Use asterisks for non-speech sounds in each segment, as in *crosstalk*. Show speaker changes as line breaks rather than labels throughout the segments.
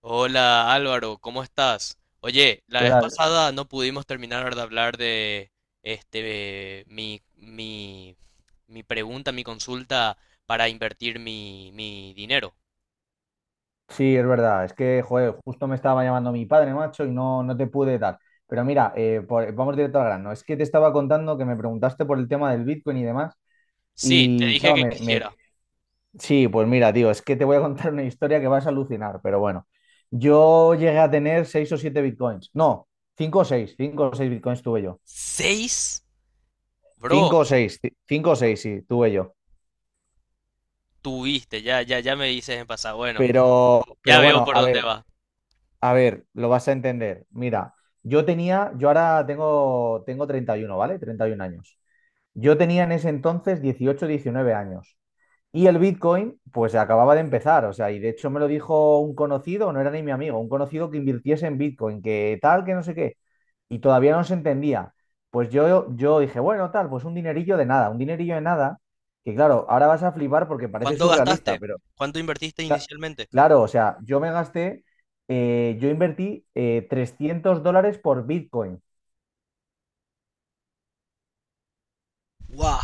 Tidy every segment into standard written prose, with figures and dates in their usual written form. Hola Álvaro, ¿cómo estás? Oye, la
¿Qué
vez
tal?
pasada no pudimos terminar de hablar de este mi, mi, mi pregunta, mi consulta para invertir mi dinero.
Sí, es verdad. Es que, joder, justo me estaba llamando mi padre, macho, y no te pude dar. Pero mira, vamos directo al grano. Es que te estaba contando que me preguntaste por el tema del Bitcoin y demás.
Sí, te
Y
dije
claro,
que
me, me-
quisiera.
sí, pues mira, tío, es que te voy a contar una historia que vas a alucinar, pero bueno. Yo llegué a tener seis o siete Bitcoins. No, cinco o seis Bitcoins tuve yo.
¿Seis?
Cinco o
Bro,
seis, cinco o seis, sí, tuve yo.
tuviste, ya, ya, ya me dices en pasado. Bueno,
Pero,
ya
pero
veo
bueno,
por
a
dónde
ver.
va.
A ver, lo vas a entender. Mira, yo ahora tengo 31, ¿vale? 31 años. Yo tenía en ese entonces 19 años. Y el Bitcoin, pues acababa de empezar, o sea, y de hecho me lo dijo un conocido, no era ni mi amigo, un conocido que invirtiese en Bitcoin, que tal, que no sé qué, y todavía no se entendía. Pues yo dije, bueno, tal, pues un dinerillo de nada, un dinerillo de nada, que claro, ahora vas a flipar porque parece
¿Cuánto
surrealista,
gastaste?
pero
¿Cuánto invertiste
Cla-
inicialmente?
claro, o sea, yo invertí $300 por Bitcoin.
¡Guau!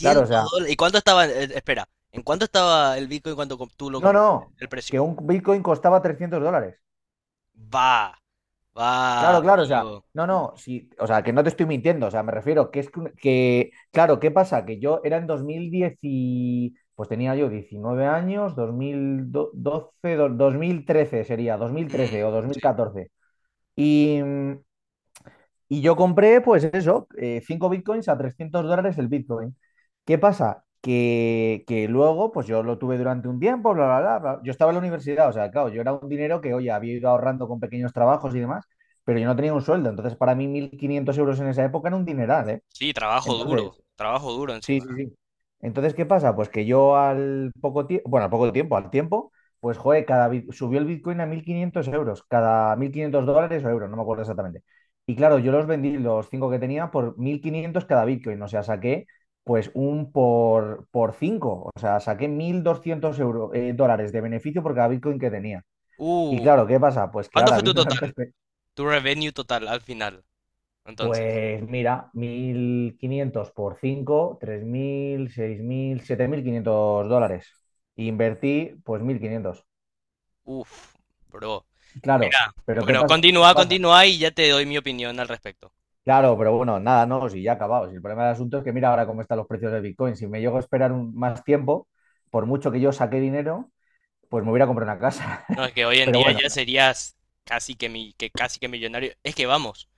Claro, o sea,
dólares. ¿Y cuánto estaba? Espera, ¿en cuánto estaba el Bitcoin tú lo
no,
compraste?
no,
El precio.
que un Bitcoin costaba $300.
Va. Va,
Claro, claro, o sea,
amigo.
no, no, sí, o sea, que no te estoy mintiendo, o sea, me refiero que es que- claro, ¿qué pasa? Que yo era en 2010 y, pues tenía yo 19 años, 2012, 2013 sería, dos mil
Mm,
trece o dos mil
sí.
catorce Y, mm, Y yo compré, pues eso, 5 bitcoins a $300 el bitcoin. ¿Qué pasa? Que luego, pues yo lo tuve durante un tiempo, bla, bla, bla, bla. Yo estaba en la universidad, o sea, claro, yo era un dinero que, oye, había ido ahorrando con pequeños trabajos y demás, pero yo no tenía un sueldo. Entonces, para mí, 1.500 € en esa época era un dineral, ¿eh?
Sí, trabajo duro.
Entonces,
Trabajo duro
sí,
encima.
sí, sí. Entonces, ¿qué pasa? Pues que yo al poco tiempo, bueno, al poco tiempo, al tiempo, pues joder, subió el Bitcoin a 1.500 euros, cada 1.500 $ o euros, no me acuerdo exactamente. Y claro, yo los vendí, los cinco que tenía, por 1.500 cada Bitcoin, o sea, saqué por cinco, o sea, saqué 1.200 euros, dólares de beneficio por cada Bitcoin que tenía. Y
Uh,
claro, ¿qué pasa? Pues que
¿Cuánto
ahora,
fue tu
viéndolo en
total?
perspectiva,
Tu revenue total al final. Entonces,
pues mira, 1.500 por cinco, tres mil, seis mil, siete mil quinientos dólares. Y invertí pues 1.500.
uff, bro.
Claro,
Mira,
pero ¿qué
bueno,
pasa? ¿Qué
continúa,
pasa?
continúa y ya te doy mi opinión al respecto.
Claro, pero bueno, nada, no, si ya acabado. Si el problema del asunto es que mira ahora cómo están los precios de Bitcoin. Si me llego a esperar más tiempo, por mucho que yo saque dinero, pues me hubiera comprado una casa.
No,
*laughs*
es que hoy en
Pero
día
bueno,
ya, ok, serías casi que millonario. Es que vamos,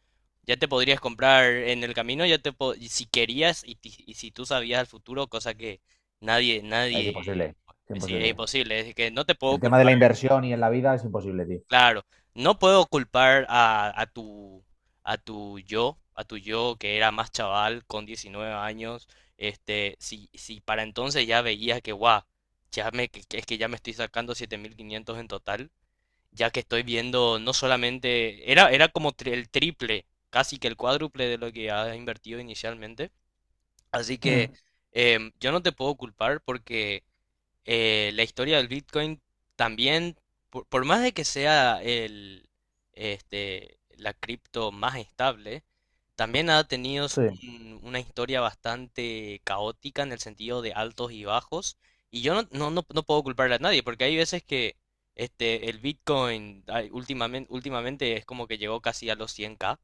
ya te podrías comprar en el camino, y si querías y si tú sabías el futuro, cosa que nadie,
es
nadie,
imposible, es
sí, es
imposible.
imposible, es que no te puedo
El tema de
culpar.
la inversión y en la vida es imposible, tío.
Claro, no puedo culpar a tu a tu yo que era más chaval con 19 años, si para entonces ya veía que guau, ya me que es que ya me estoy sacando 7.500 en total, ya que estoy viendo, no solamente era, el triple, casi que el cuádruple de lo que has invertido inicialmente, así que
Mm,
yo no te puedo culpar porque la historia del Bitcoin también, por más de que sea la cripto más estable, también ha tenido
sí,
una historia bastante caótica en el sentido de altos y bajos. Y yo no puedo culparle a nadie, porque hay veces que el Bitcoin últimamente es como que llegó casi a los 100k,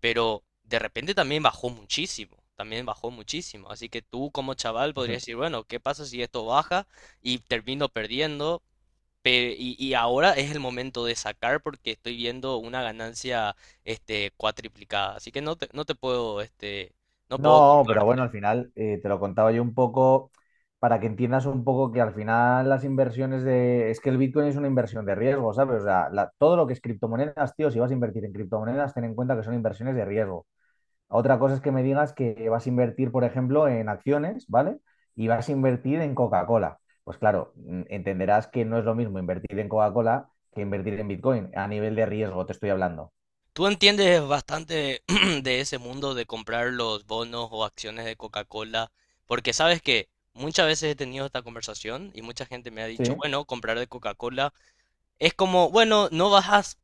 pero de repente también bajó muchísimo, también bajó muchísimo. Así que tú como chaval
es
podrías decir, bueno, ¿qué pasa si esto baja y termino perdiendo? Y ahora es el momento de sacar porque estoy viendo una ganancia cuatriplicada. Así que no te puedo, no puedo
no, pero bueno,
culparte.
al final te lo contaba yo un poco para que entiendas un poco que al final las inversiones de... Es que el Bitcoin es una inversión de riesgo, ¿sabes? O sea, todo lo que es criptomonedas, tío, si vas a invertir en criptomonedas, ten en cuenta que son inversiones de riesgo. Otra cosa es que me digas que vas a invertir, por ejemplo, en acciones, ¿vale? Y vas a invertir en Coca-Cola. Pues claro, entenderás que no es lo mismo invertir en Coca-Cola que invertir en Bitcoin. A nivel de riesgo te estoy hablando.
Tú entiendes bastante *clears throat* de ese mundo de comprar los bonos o acciones de Coca-Cola, porque sabes que muchas veces he tenido esta conversación y mucha gente me ha dicho,
Sí,
bueno, comprar de Coca-Cola es como, bueno, no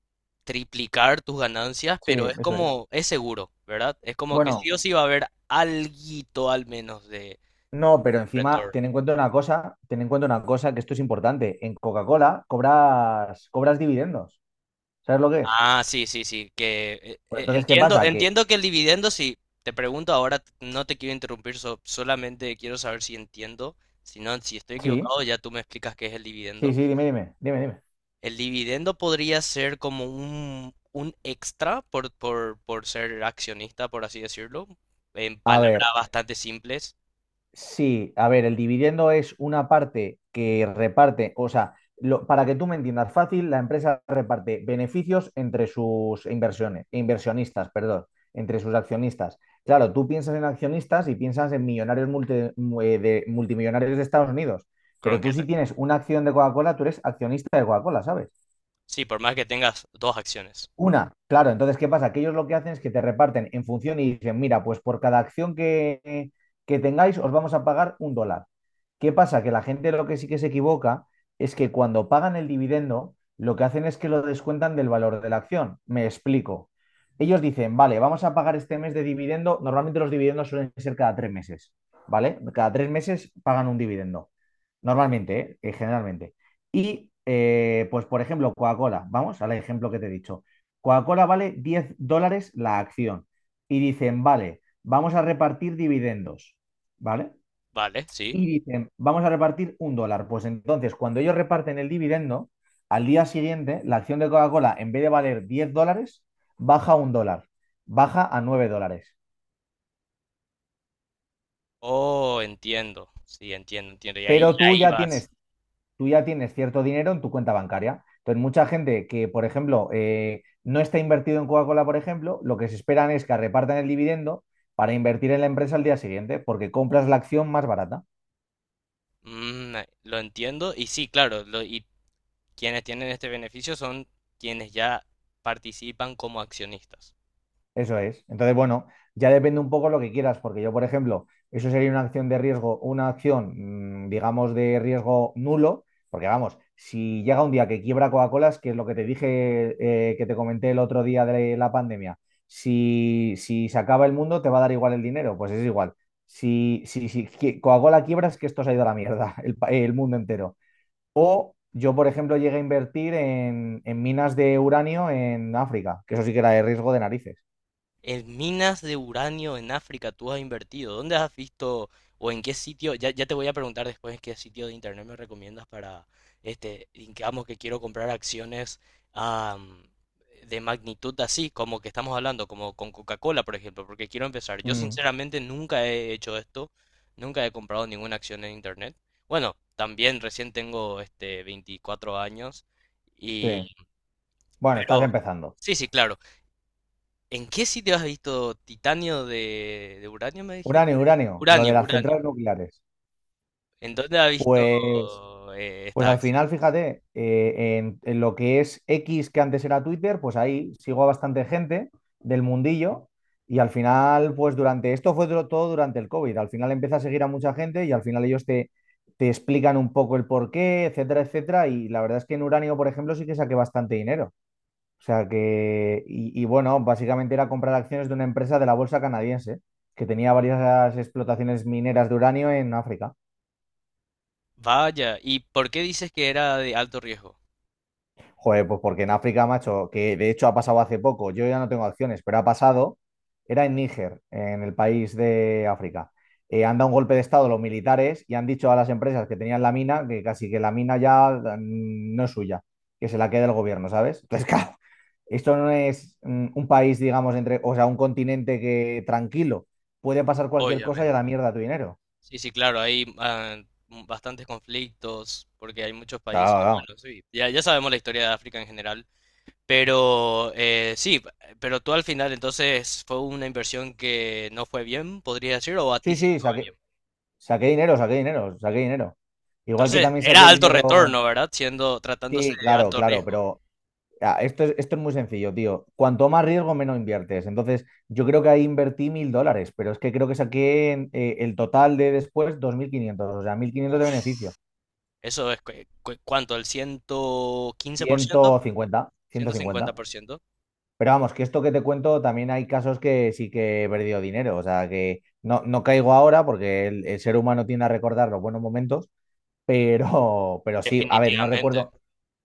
triplicar tus ganancias,
sí,
pero es
eso es.
como, es seguro, ¿verdad? Es como que
Bueno,
sí o sí va a haber alguito al menos de
no, pero encima
retorno.
ten en cuenta una cosa, ten en cuenta una cosa que esto es importante. En Coca-Cola cobras dividendos. ¿Sabes lo que es?
Ah, que
Pues entonces, ¿qué
entiendo,
pasa? Que
entiendo que el dividendo, sí, te pregunto ahora, no te quiero interrumpir, solamente quiero saber si entiendo, si no, si estoy
sí,
equivocado, ya tú me explicas qué es el
sí,
dividendo.
sí, dime, dime, dime, dime.
El dividendo podría ser como un extra por ser accionista, por así decirlo, en
A
palabras
ver,
bastante simples.
sí, a ver, el dividendo es una parte que reparte, o sea, para que tú me entiendas fácil, la empresa reparte beneficios entre sus inversiones, inversionistas, perdón, entre sus accionistas. Claro, tú piensas en accionistas y piensas en millonarios multi- mu- de, multimillonarios de Estados Unidos,
Con
pero tú
que
si
te-
tienes una acción de Coca-Cola, tú eres accionista de Coca-Cola, ¿sabes?
sí, por más que tengas dos acciones.
Una, claro, entonces, ¿qué pasa? Que ellos lo que hacen es que te reparten en función y dicen, mira, pues por cada acción que tengáis os vamos a pagar un dólar. ¿Qué pasa? Que la gente lo que sí que se equivoca es que cuando pagan el dividendo, lo que hacen es que lo descuentan del valor de la acción. Me explico. Ellos dicen, vale, vamos a pagar este mes de dividendo. Normalmente los dividendos suelen ser cada 3 meses, ¿vale? Cada tres meses pagan un dividendo. Normalmente, ¿eh? Generalmente. Y, pues, por ejemplo, Coca-Cola, vamos al ejemplo que te he dicho. Coca-Cola vale $10 la acción. Y dicen, vale, vamos a repartir dividendos, ¿vale?
Vale, sí.
Y dicen, vamos a repartir un dólar. Pues entonces, cuando ellos reparten el dividendo, al día siguiente, la acción de Coca-Cola, en vez de valer $10, baja un dólar, baja a $9.
Oh, entiendo. Sí, entiendo, entiendo. Y ahí,
Pero
ahí vas.
tú ya tienes cierto dinero en tu cuenta bancaria. Entonces, mucha gente que, por ejemplo, no está invertido en Coca-Cola, por ejemplo, lo que se esperan es que repartan el dividendo para invertir en la empresa al día siguiente, porque compras la acción más barata.
Mm, lo entiendo. Y sí, claro. Y quienes tienen este beneficio son quienes ya participan como accionistas.
Eso es. Entonces, bueno, ya depende un poco lo que quieras, porque yo, por ejemplo, eso sería una acción de riesgo, una acción, digamos, de riesgo nulo, porque vamos, si llega un día que quiebra Coca-Cola, es que es lo que te dije, que te comenté el otro día de la pandemia, si, se acaba el mundo, te va a dar igual el dinero, pues es igual. Si, si, si qui- Coca-Cola quiebra, es que esto se ha ido a la mierda, *laughs* el mundo entero. O yo, por ejemplo, llegué a invertir en, minas de uranio en África, que eso sí que era de riesgo de narices.
En minas de uranio en África tú has invertido. ¿Dónde has visto o en qué sitio? Ya, ya te voy a preguntar después en qué sitio de internet me recomiendas para, digamos que quiero comprar acciones, am, de magnitud así, como que estamos hablando, como con Coca-Cola, por ejemplo, porque quiero empezar. Yo
Mm.
sinceramente nunca he hecho esto, nunca he comprado ninguna acción en internet. Bueno, también recién tengo 24 años
Sí.
y,
Bueno, estás
pero
empezando.
sí, sí, claro. ¿En qué sitio has visto titanio de uranio, me dijiste?
Uranio, uranio, lo de
Uranio,
las
uranio.
centrales nucleares.
¿En dónde has visto
Pues, pues
esta
al
acción?
final, fíjate, en lo que es X, que antes era Twitter, pues ahí sigo a bastante gente del mundillo. Y al final, pues durante todo durante el COVID. Al final empieza a seguir a mucha gente y al final te explican un poco el porqué, etcétera, etcétera. Y la verdad es que en uranio, por ejemplo, sí que saqué bastante dinero. O sea que, y bueno, básicamente era comprar acciones de una empresa de la bolsa canadiense que tenía varias explotaciones mineras de uranio en África.
Vaya, ¿y por qué dices que era de alto riesgo?
Joder, pues porque en África, macho, que de hecho ha pasado hace poco, yo ya no tengo acciones, pero ha pasado, era en Níger, en el país de África. Han dado un golpe de estado los militares y han dicho a las empresas que tenían la mina que casi que la mina ya no es suya, que se la quede el gobierno, ¿sabes? Entonces, *laughs* claro, esto no es un país, digamos, o sea, un continente que tranquilo, puede pasar cualquier cosa y a la
Obviamente.
mierda tu dinero.
Sí, sí, claro, hay bastantes conflictos porque hay muchos países.
Claro, claro.
Bueno, sí, ya, ya sabemos la historia de África en general, pero sí, pero tú al final entonces fue una inversión que no fue bien, podría decir, o a ti
Sí,
sí
sí,
fue.
saqué dinero, saqué dinero, saqué dinero. Igual que
Entonces,
también
era
saqué
alto
dinero.
retorno, ¿verdad? Siendo, tratándose
Sí,
de
claro,
alto
claro,
riesgo.
pero esto es muy sencillo, tío. Cuanto más riesgo, menos inviertes. Entonces, yo creo que ahí invertí $1.000, pero es que creo que saqué el total de después 2.500, o sea, 1.500 de
Uf,
beneficio.
eso es, ¿cuánto? ¿El ciento quince por
ciento
ciento?
cincuenta, ciento
¿Ciento cincuenta
cincuenta.
por ciento?
Pero vamos, que esto que te cuento, también hay casos que sí que he perdido dinero. O sea, que no, no caigo ahora porque el ser humano tiende a recordar los buenos momentos, pero sí, a ver, no
Definitivamente.
recuerdo.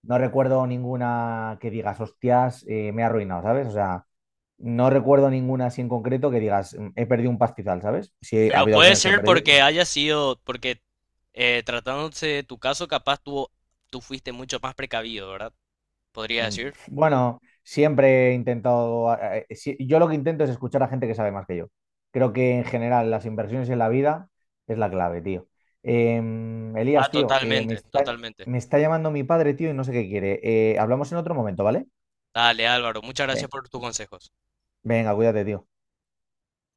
No recuerdo ninguna que digas, hostias, me he arruinado, ¿sabes? O sea, no recuerdo ninguna así en concreto que digas, "Mm, he perdido un pastizal", ¿sabes? Sí, ha
Pero
habido
puede
acciones que he
ser
perdido.
porque
Pero,
haya sido, porque tratándose de tu caso, tú fuiste mucho más precavido, ¿verdad? Podría decir.
bueno, siempre he intentado, sí, yo lo que intento es escuchar a gente que sabe más que yo. Creo que en general las inversiones en la vida es la clave, tío.
Ah,
Elías, tío,
totalmente, totalmente.
me está llamando mi padre, tío, y no sé qué quiere. Hablamos en otro momento, ¿vale?
Dale, Álvaro, muchas
Ve-
gracias por tus consejos.
Venga, cuídate, tío.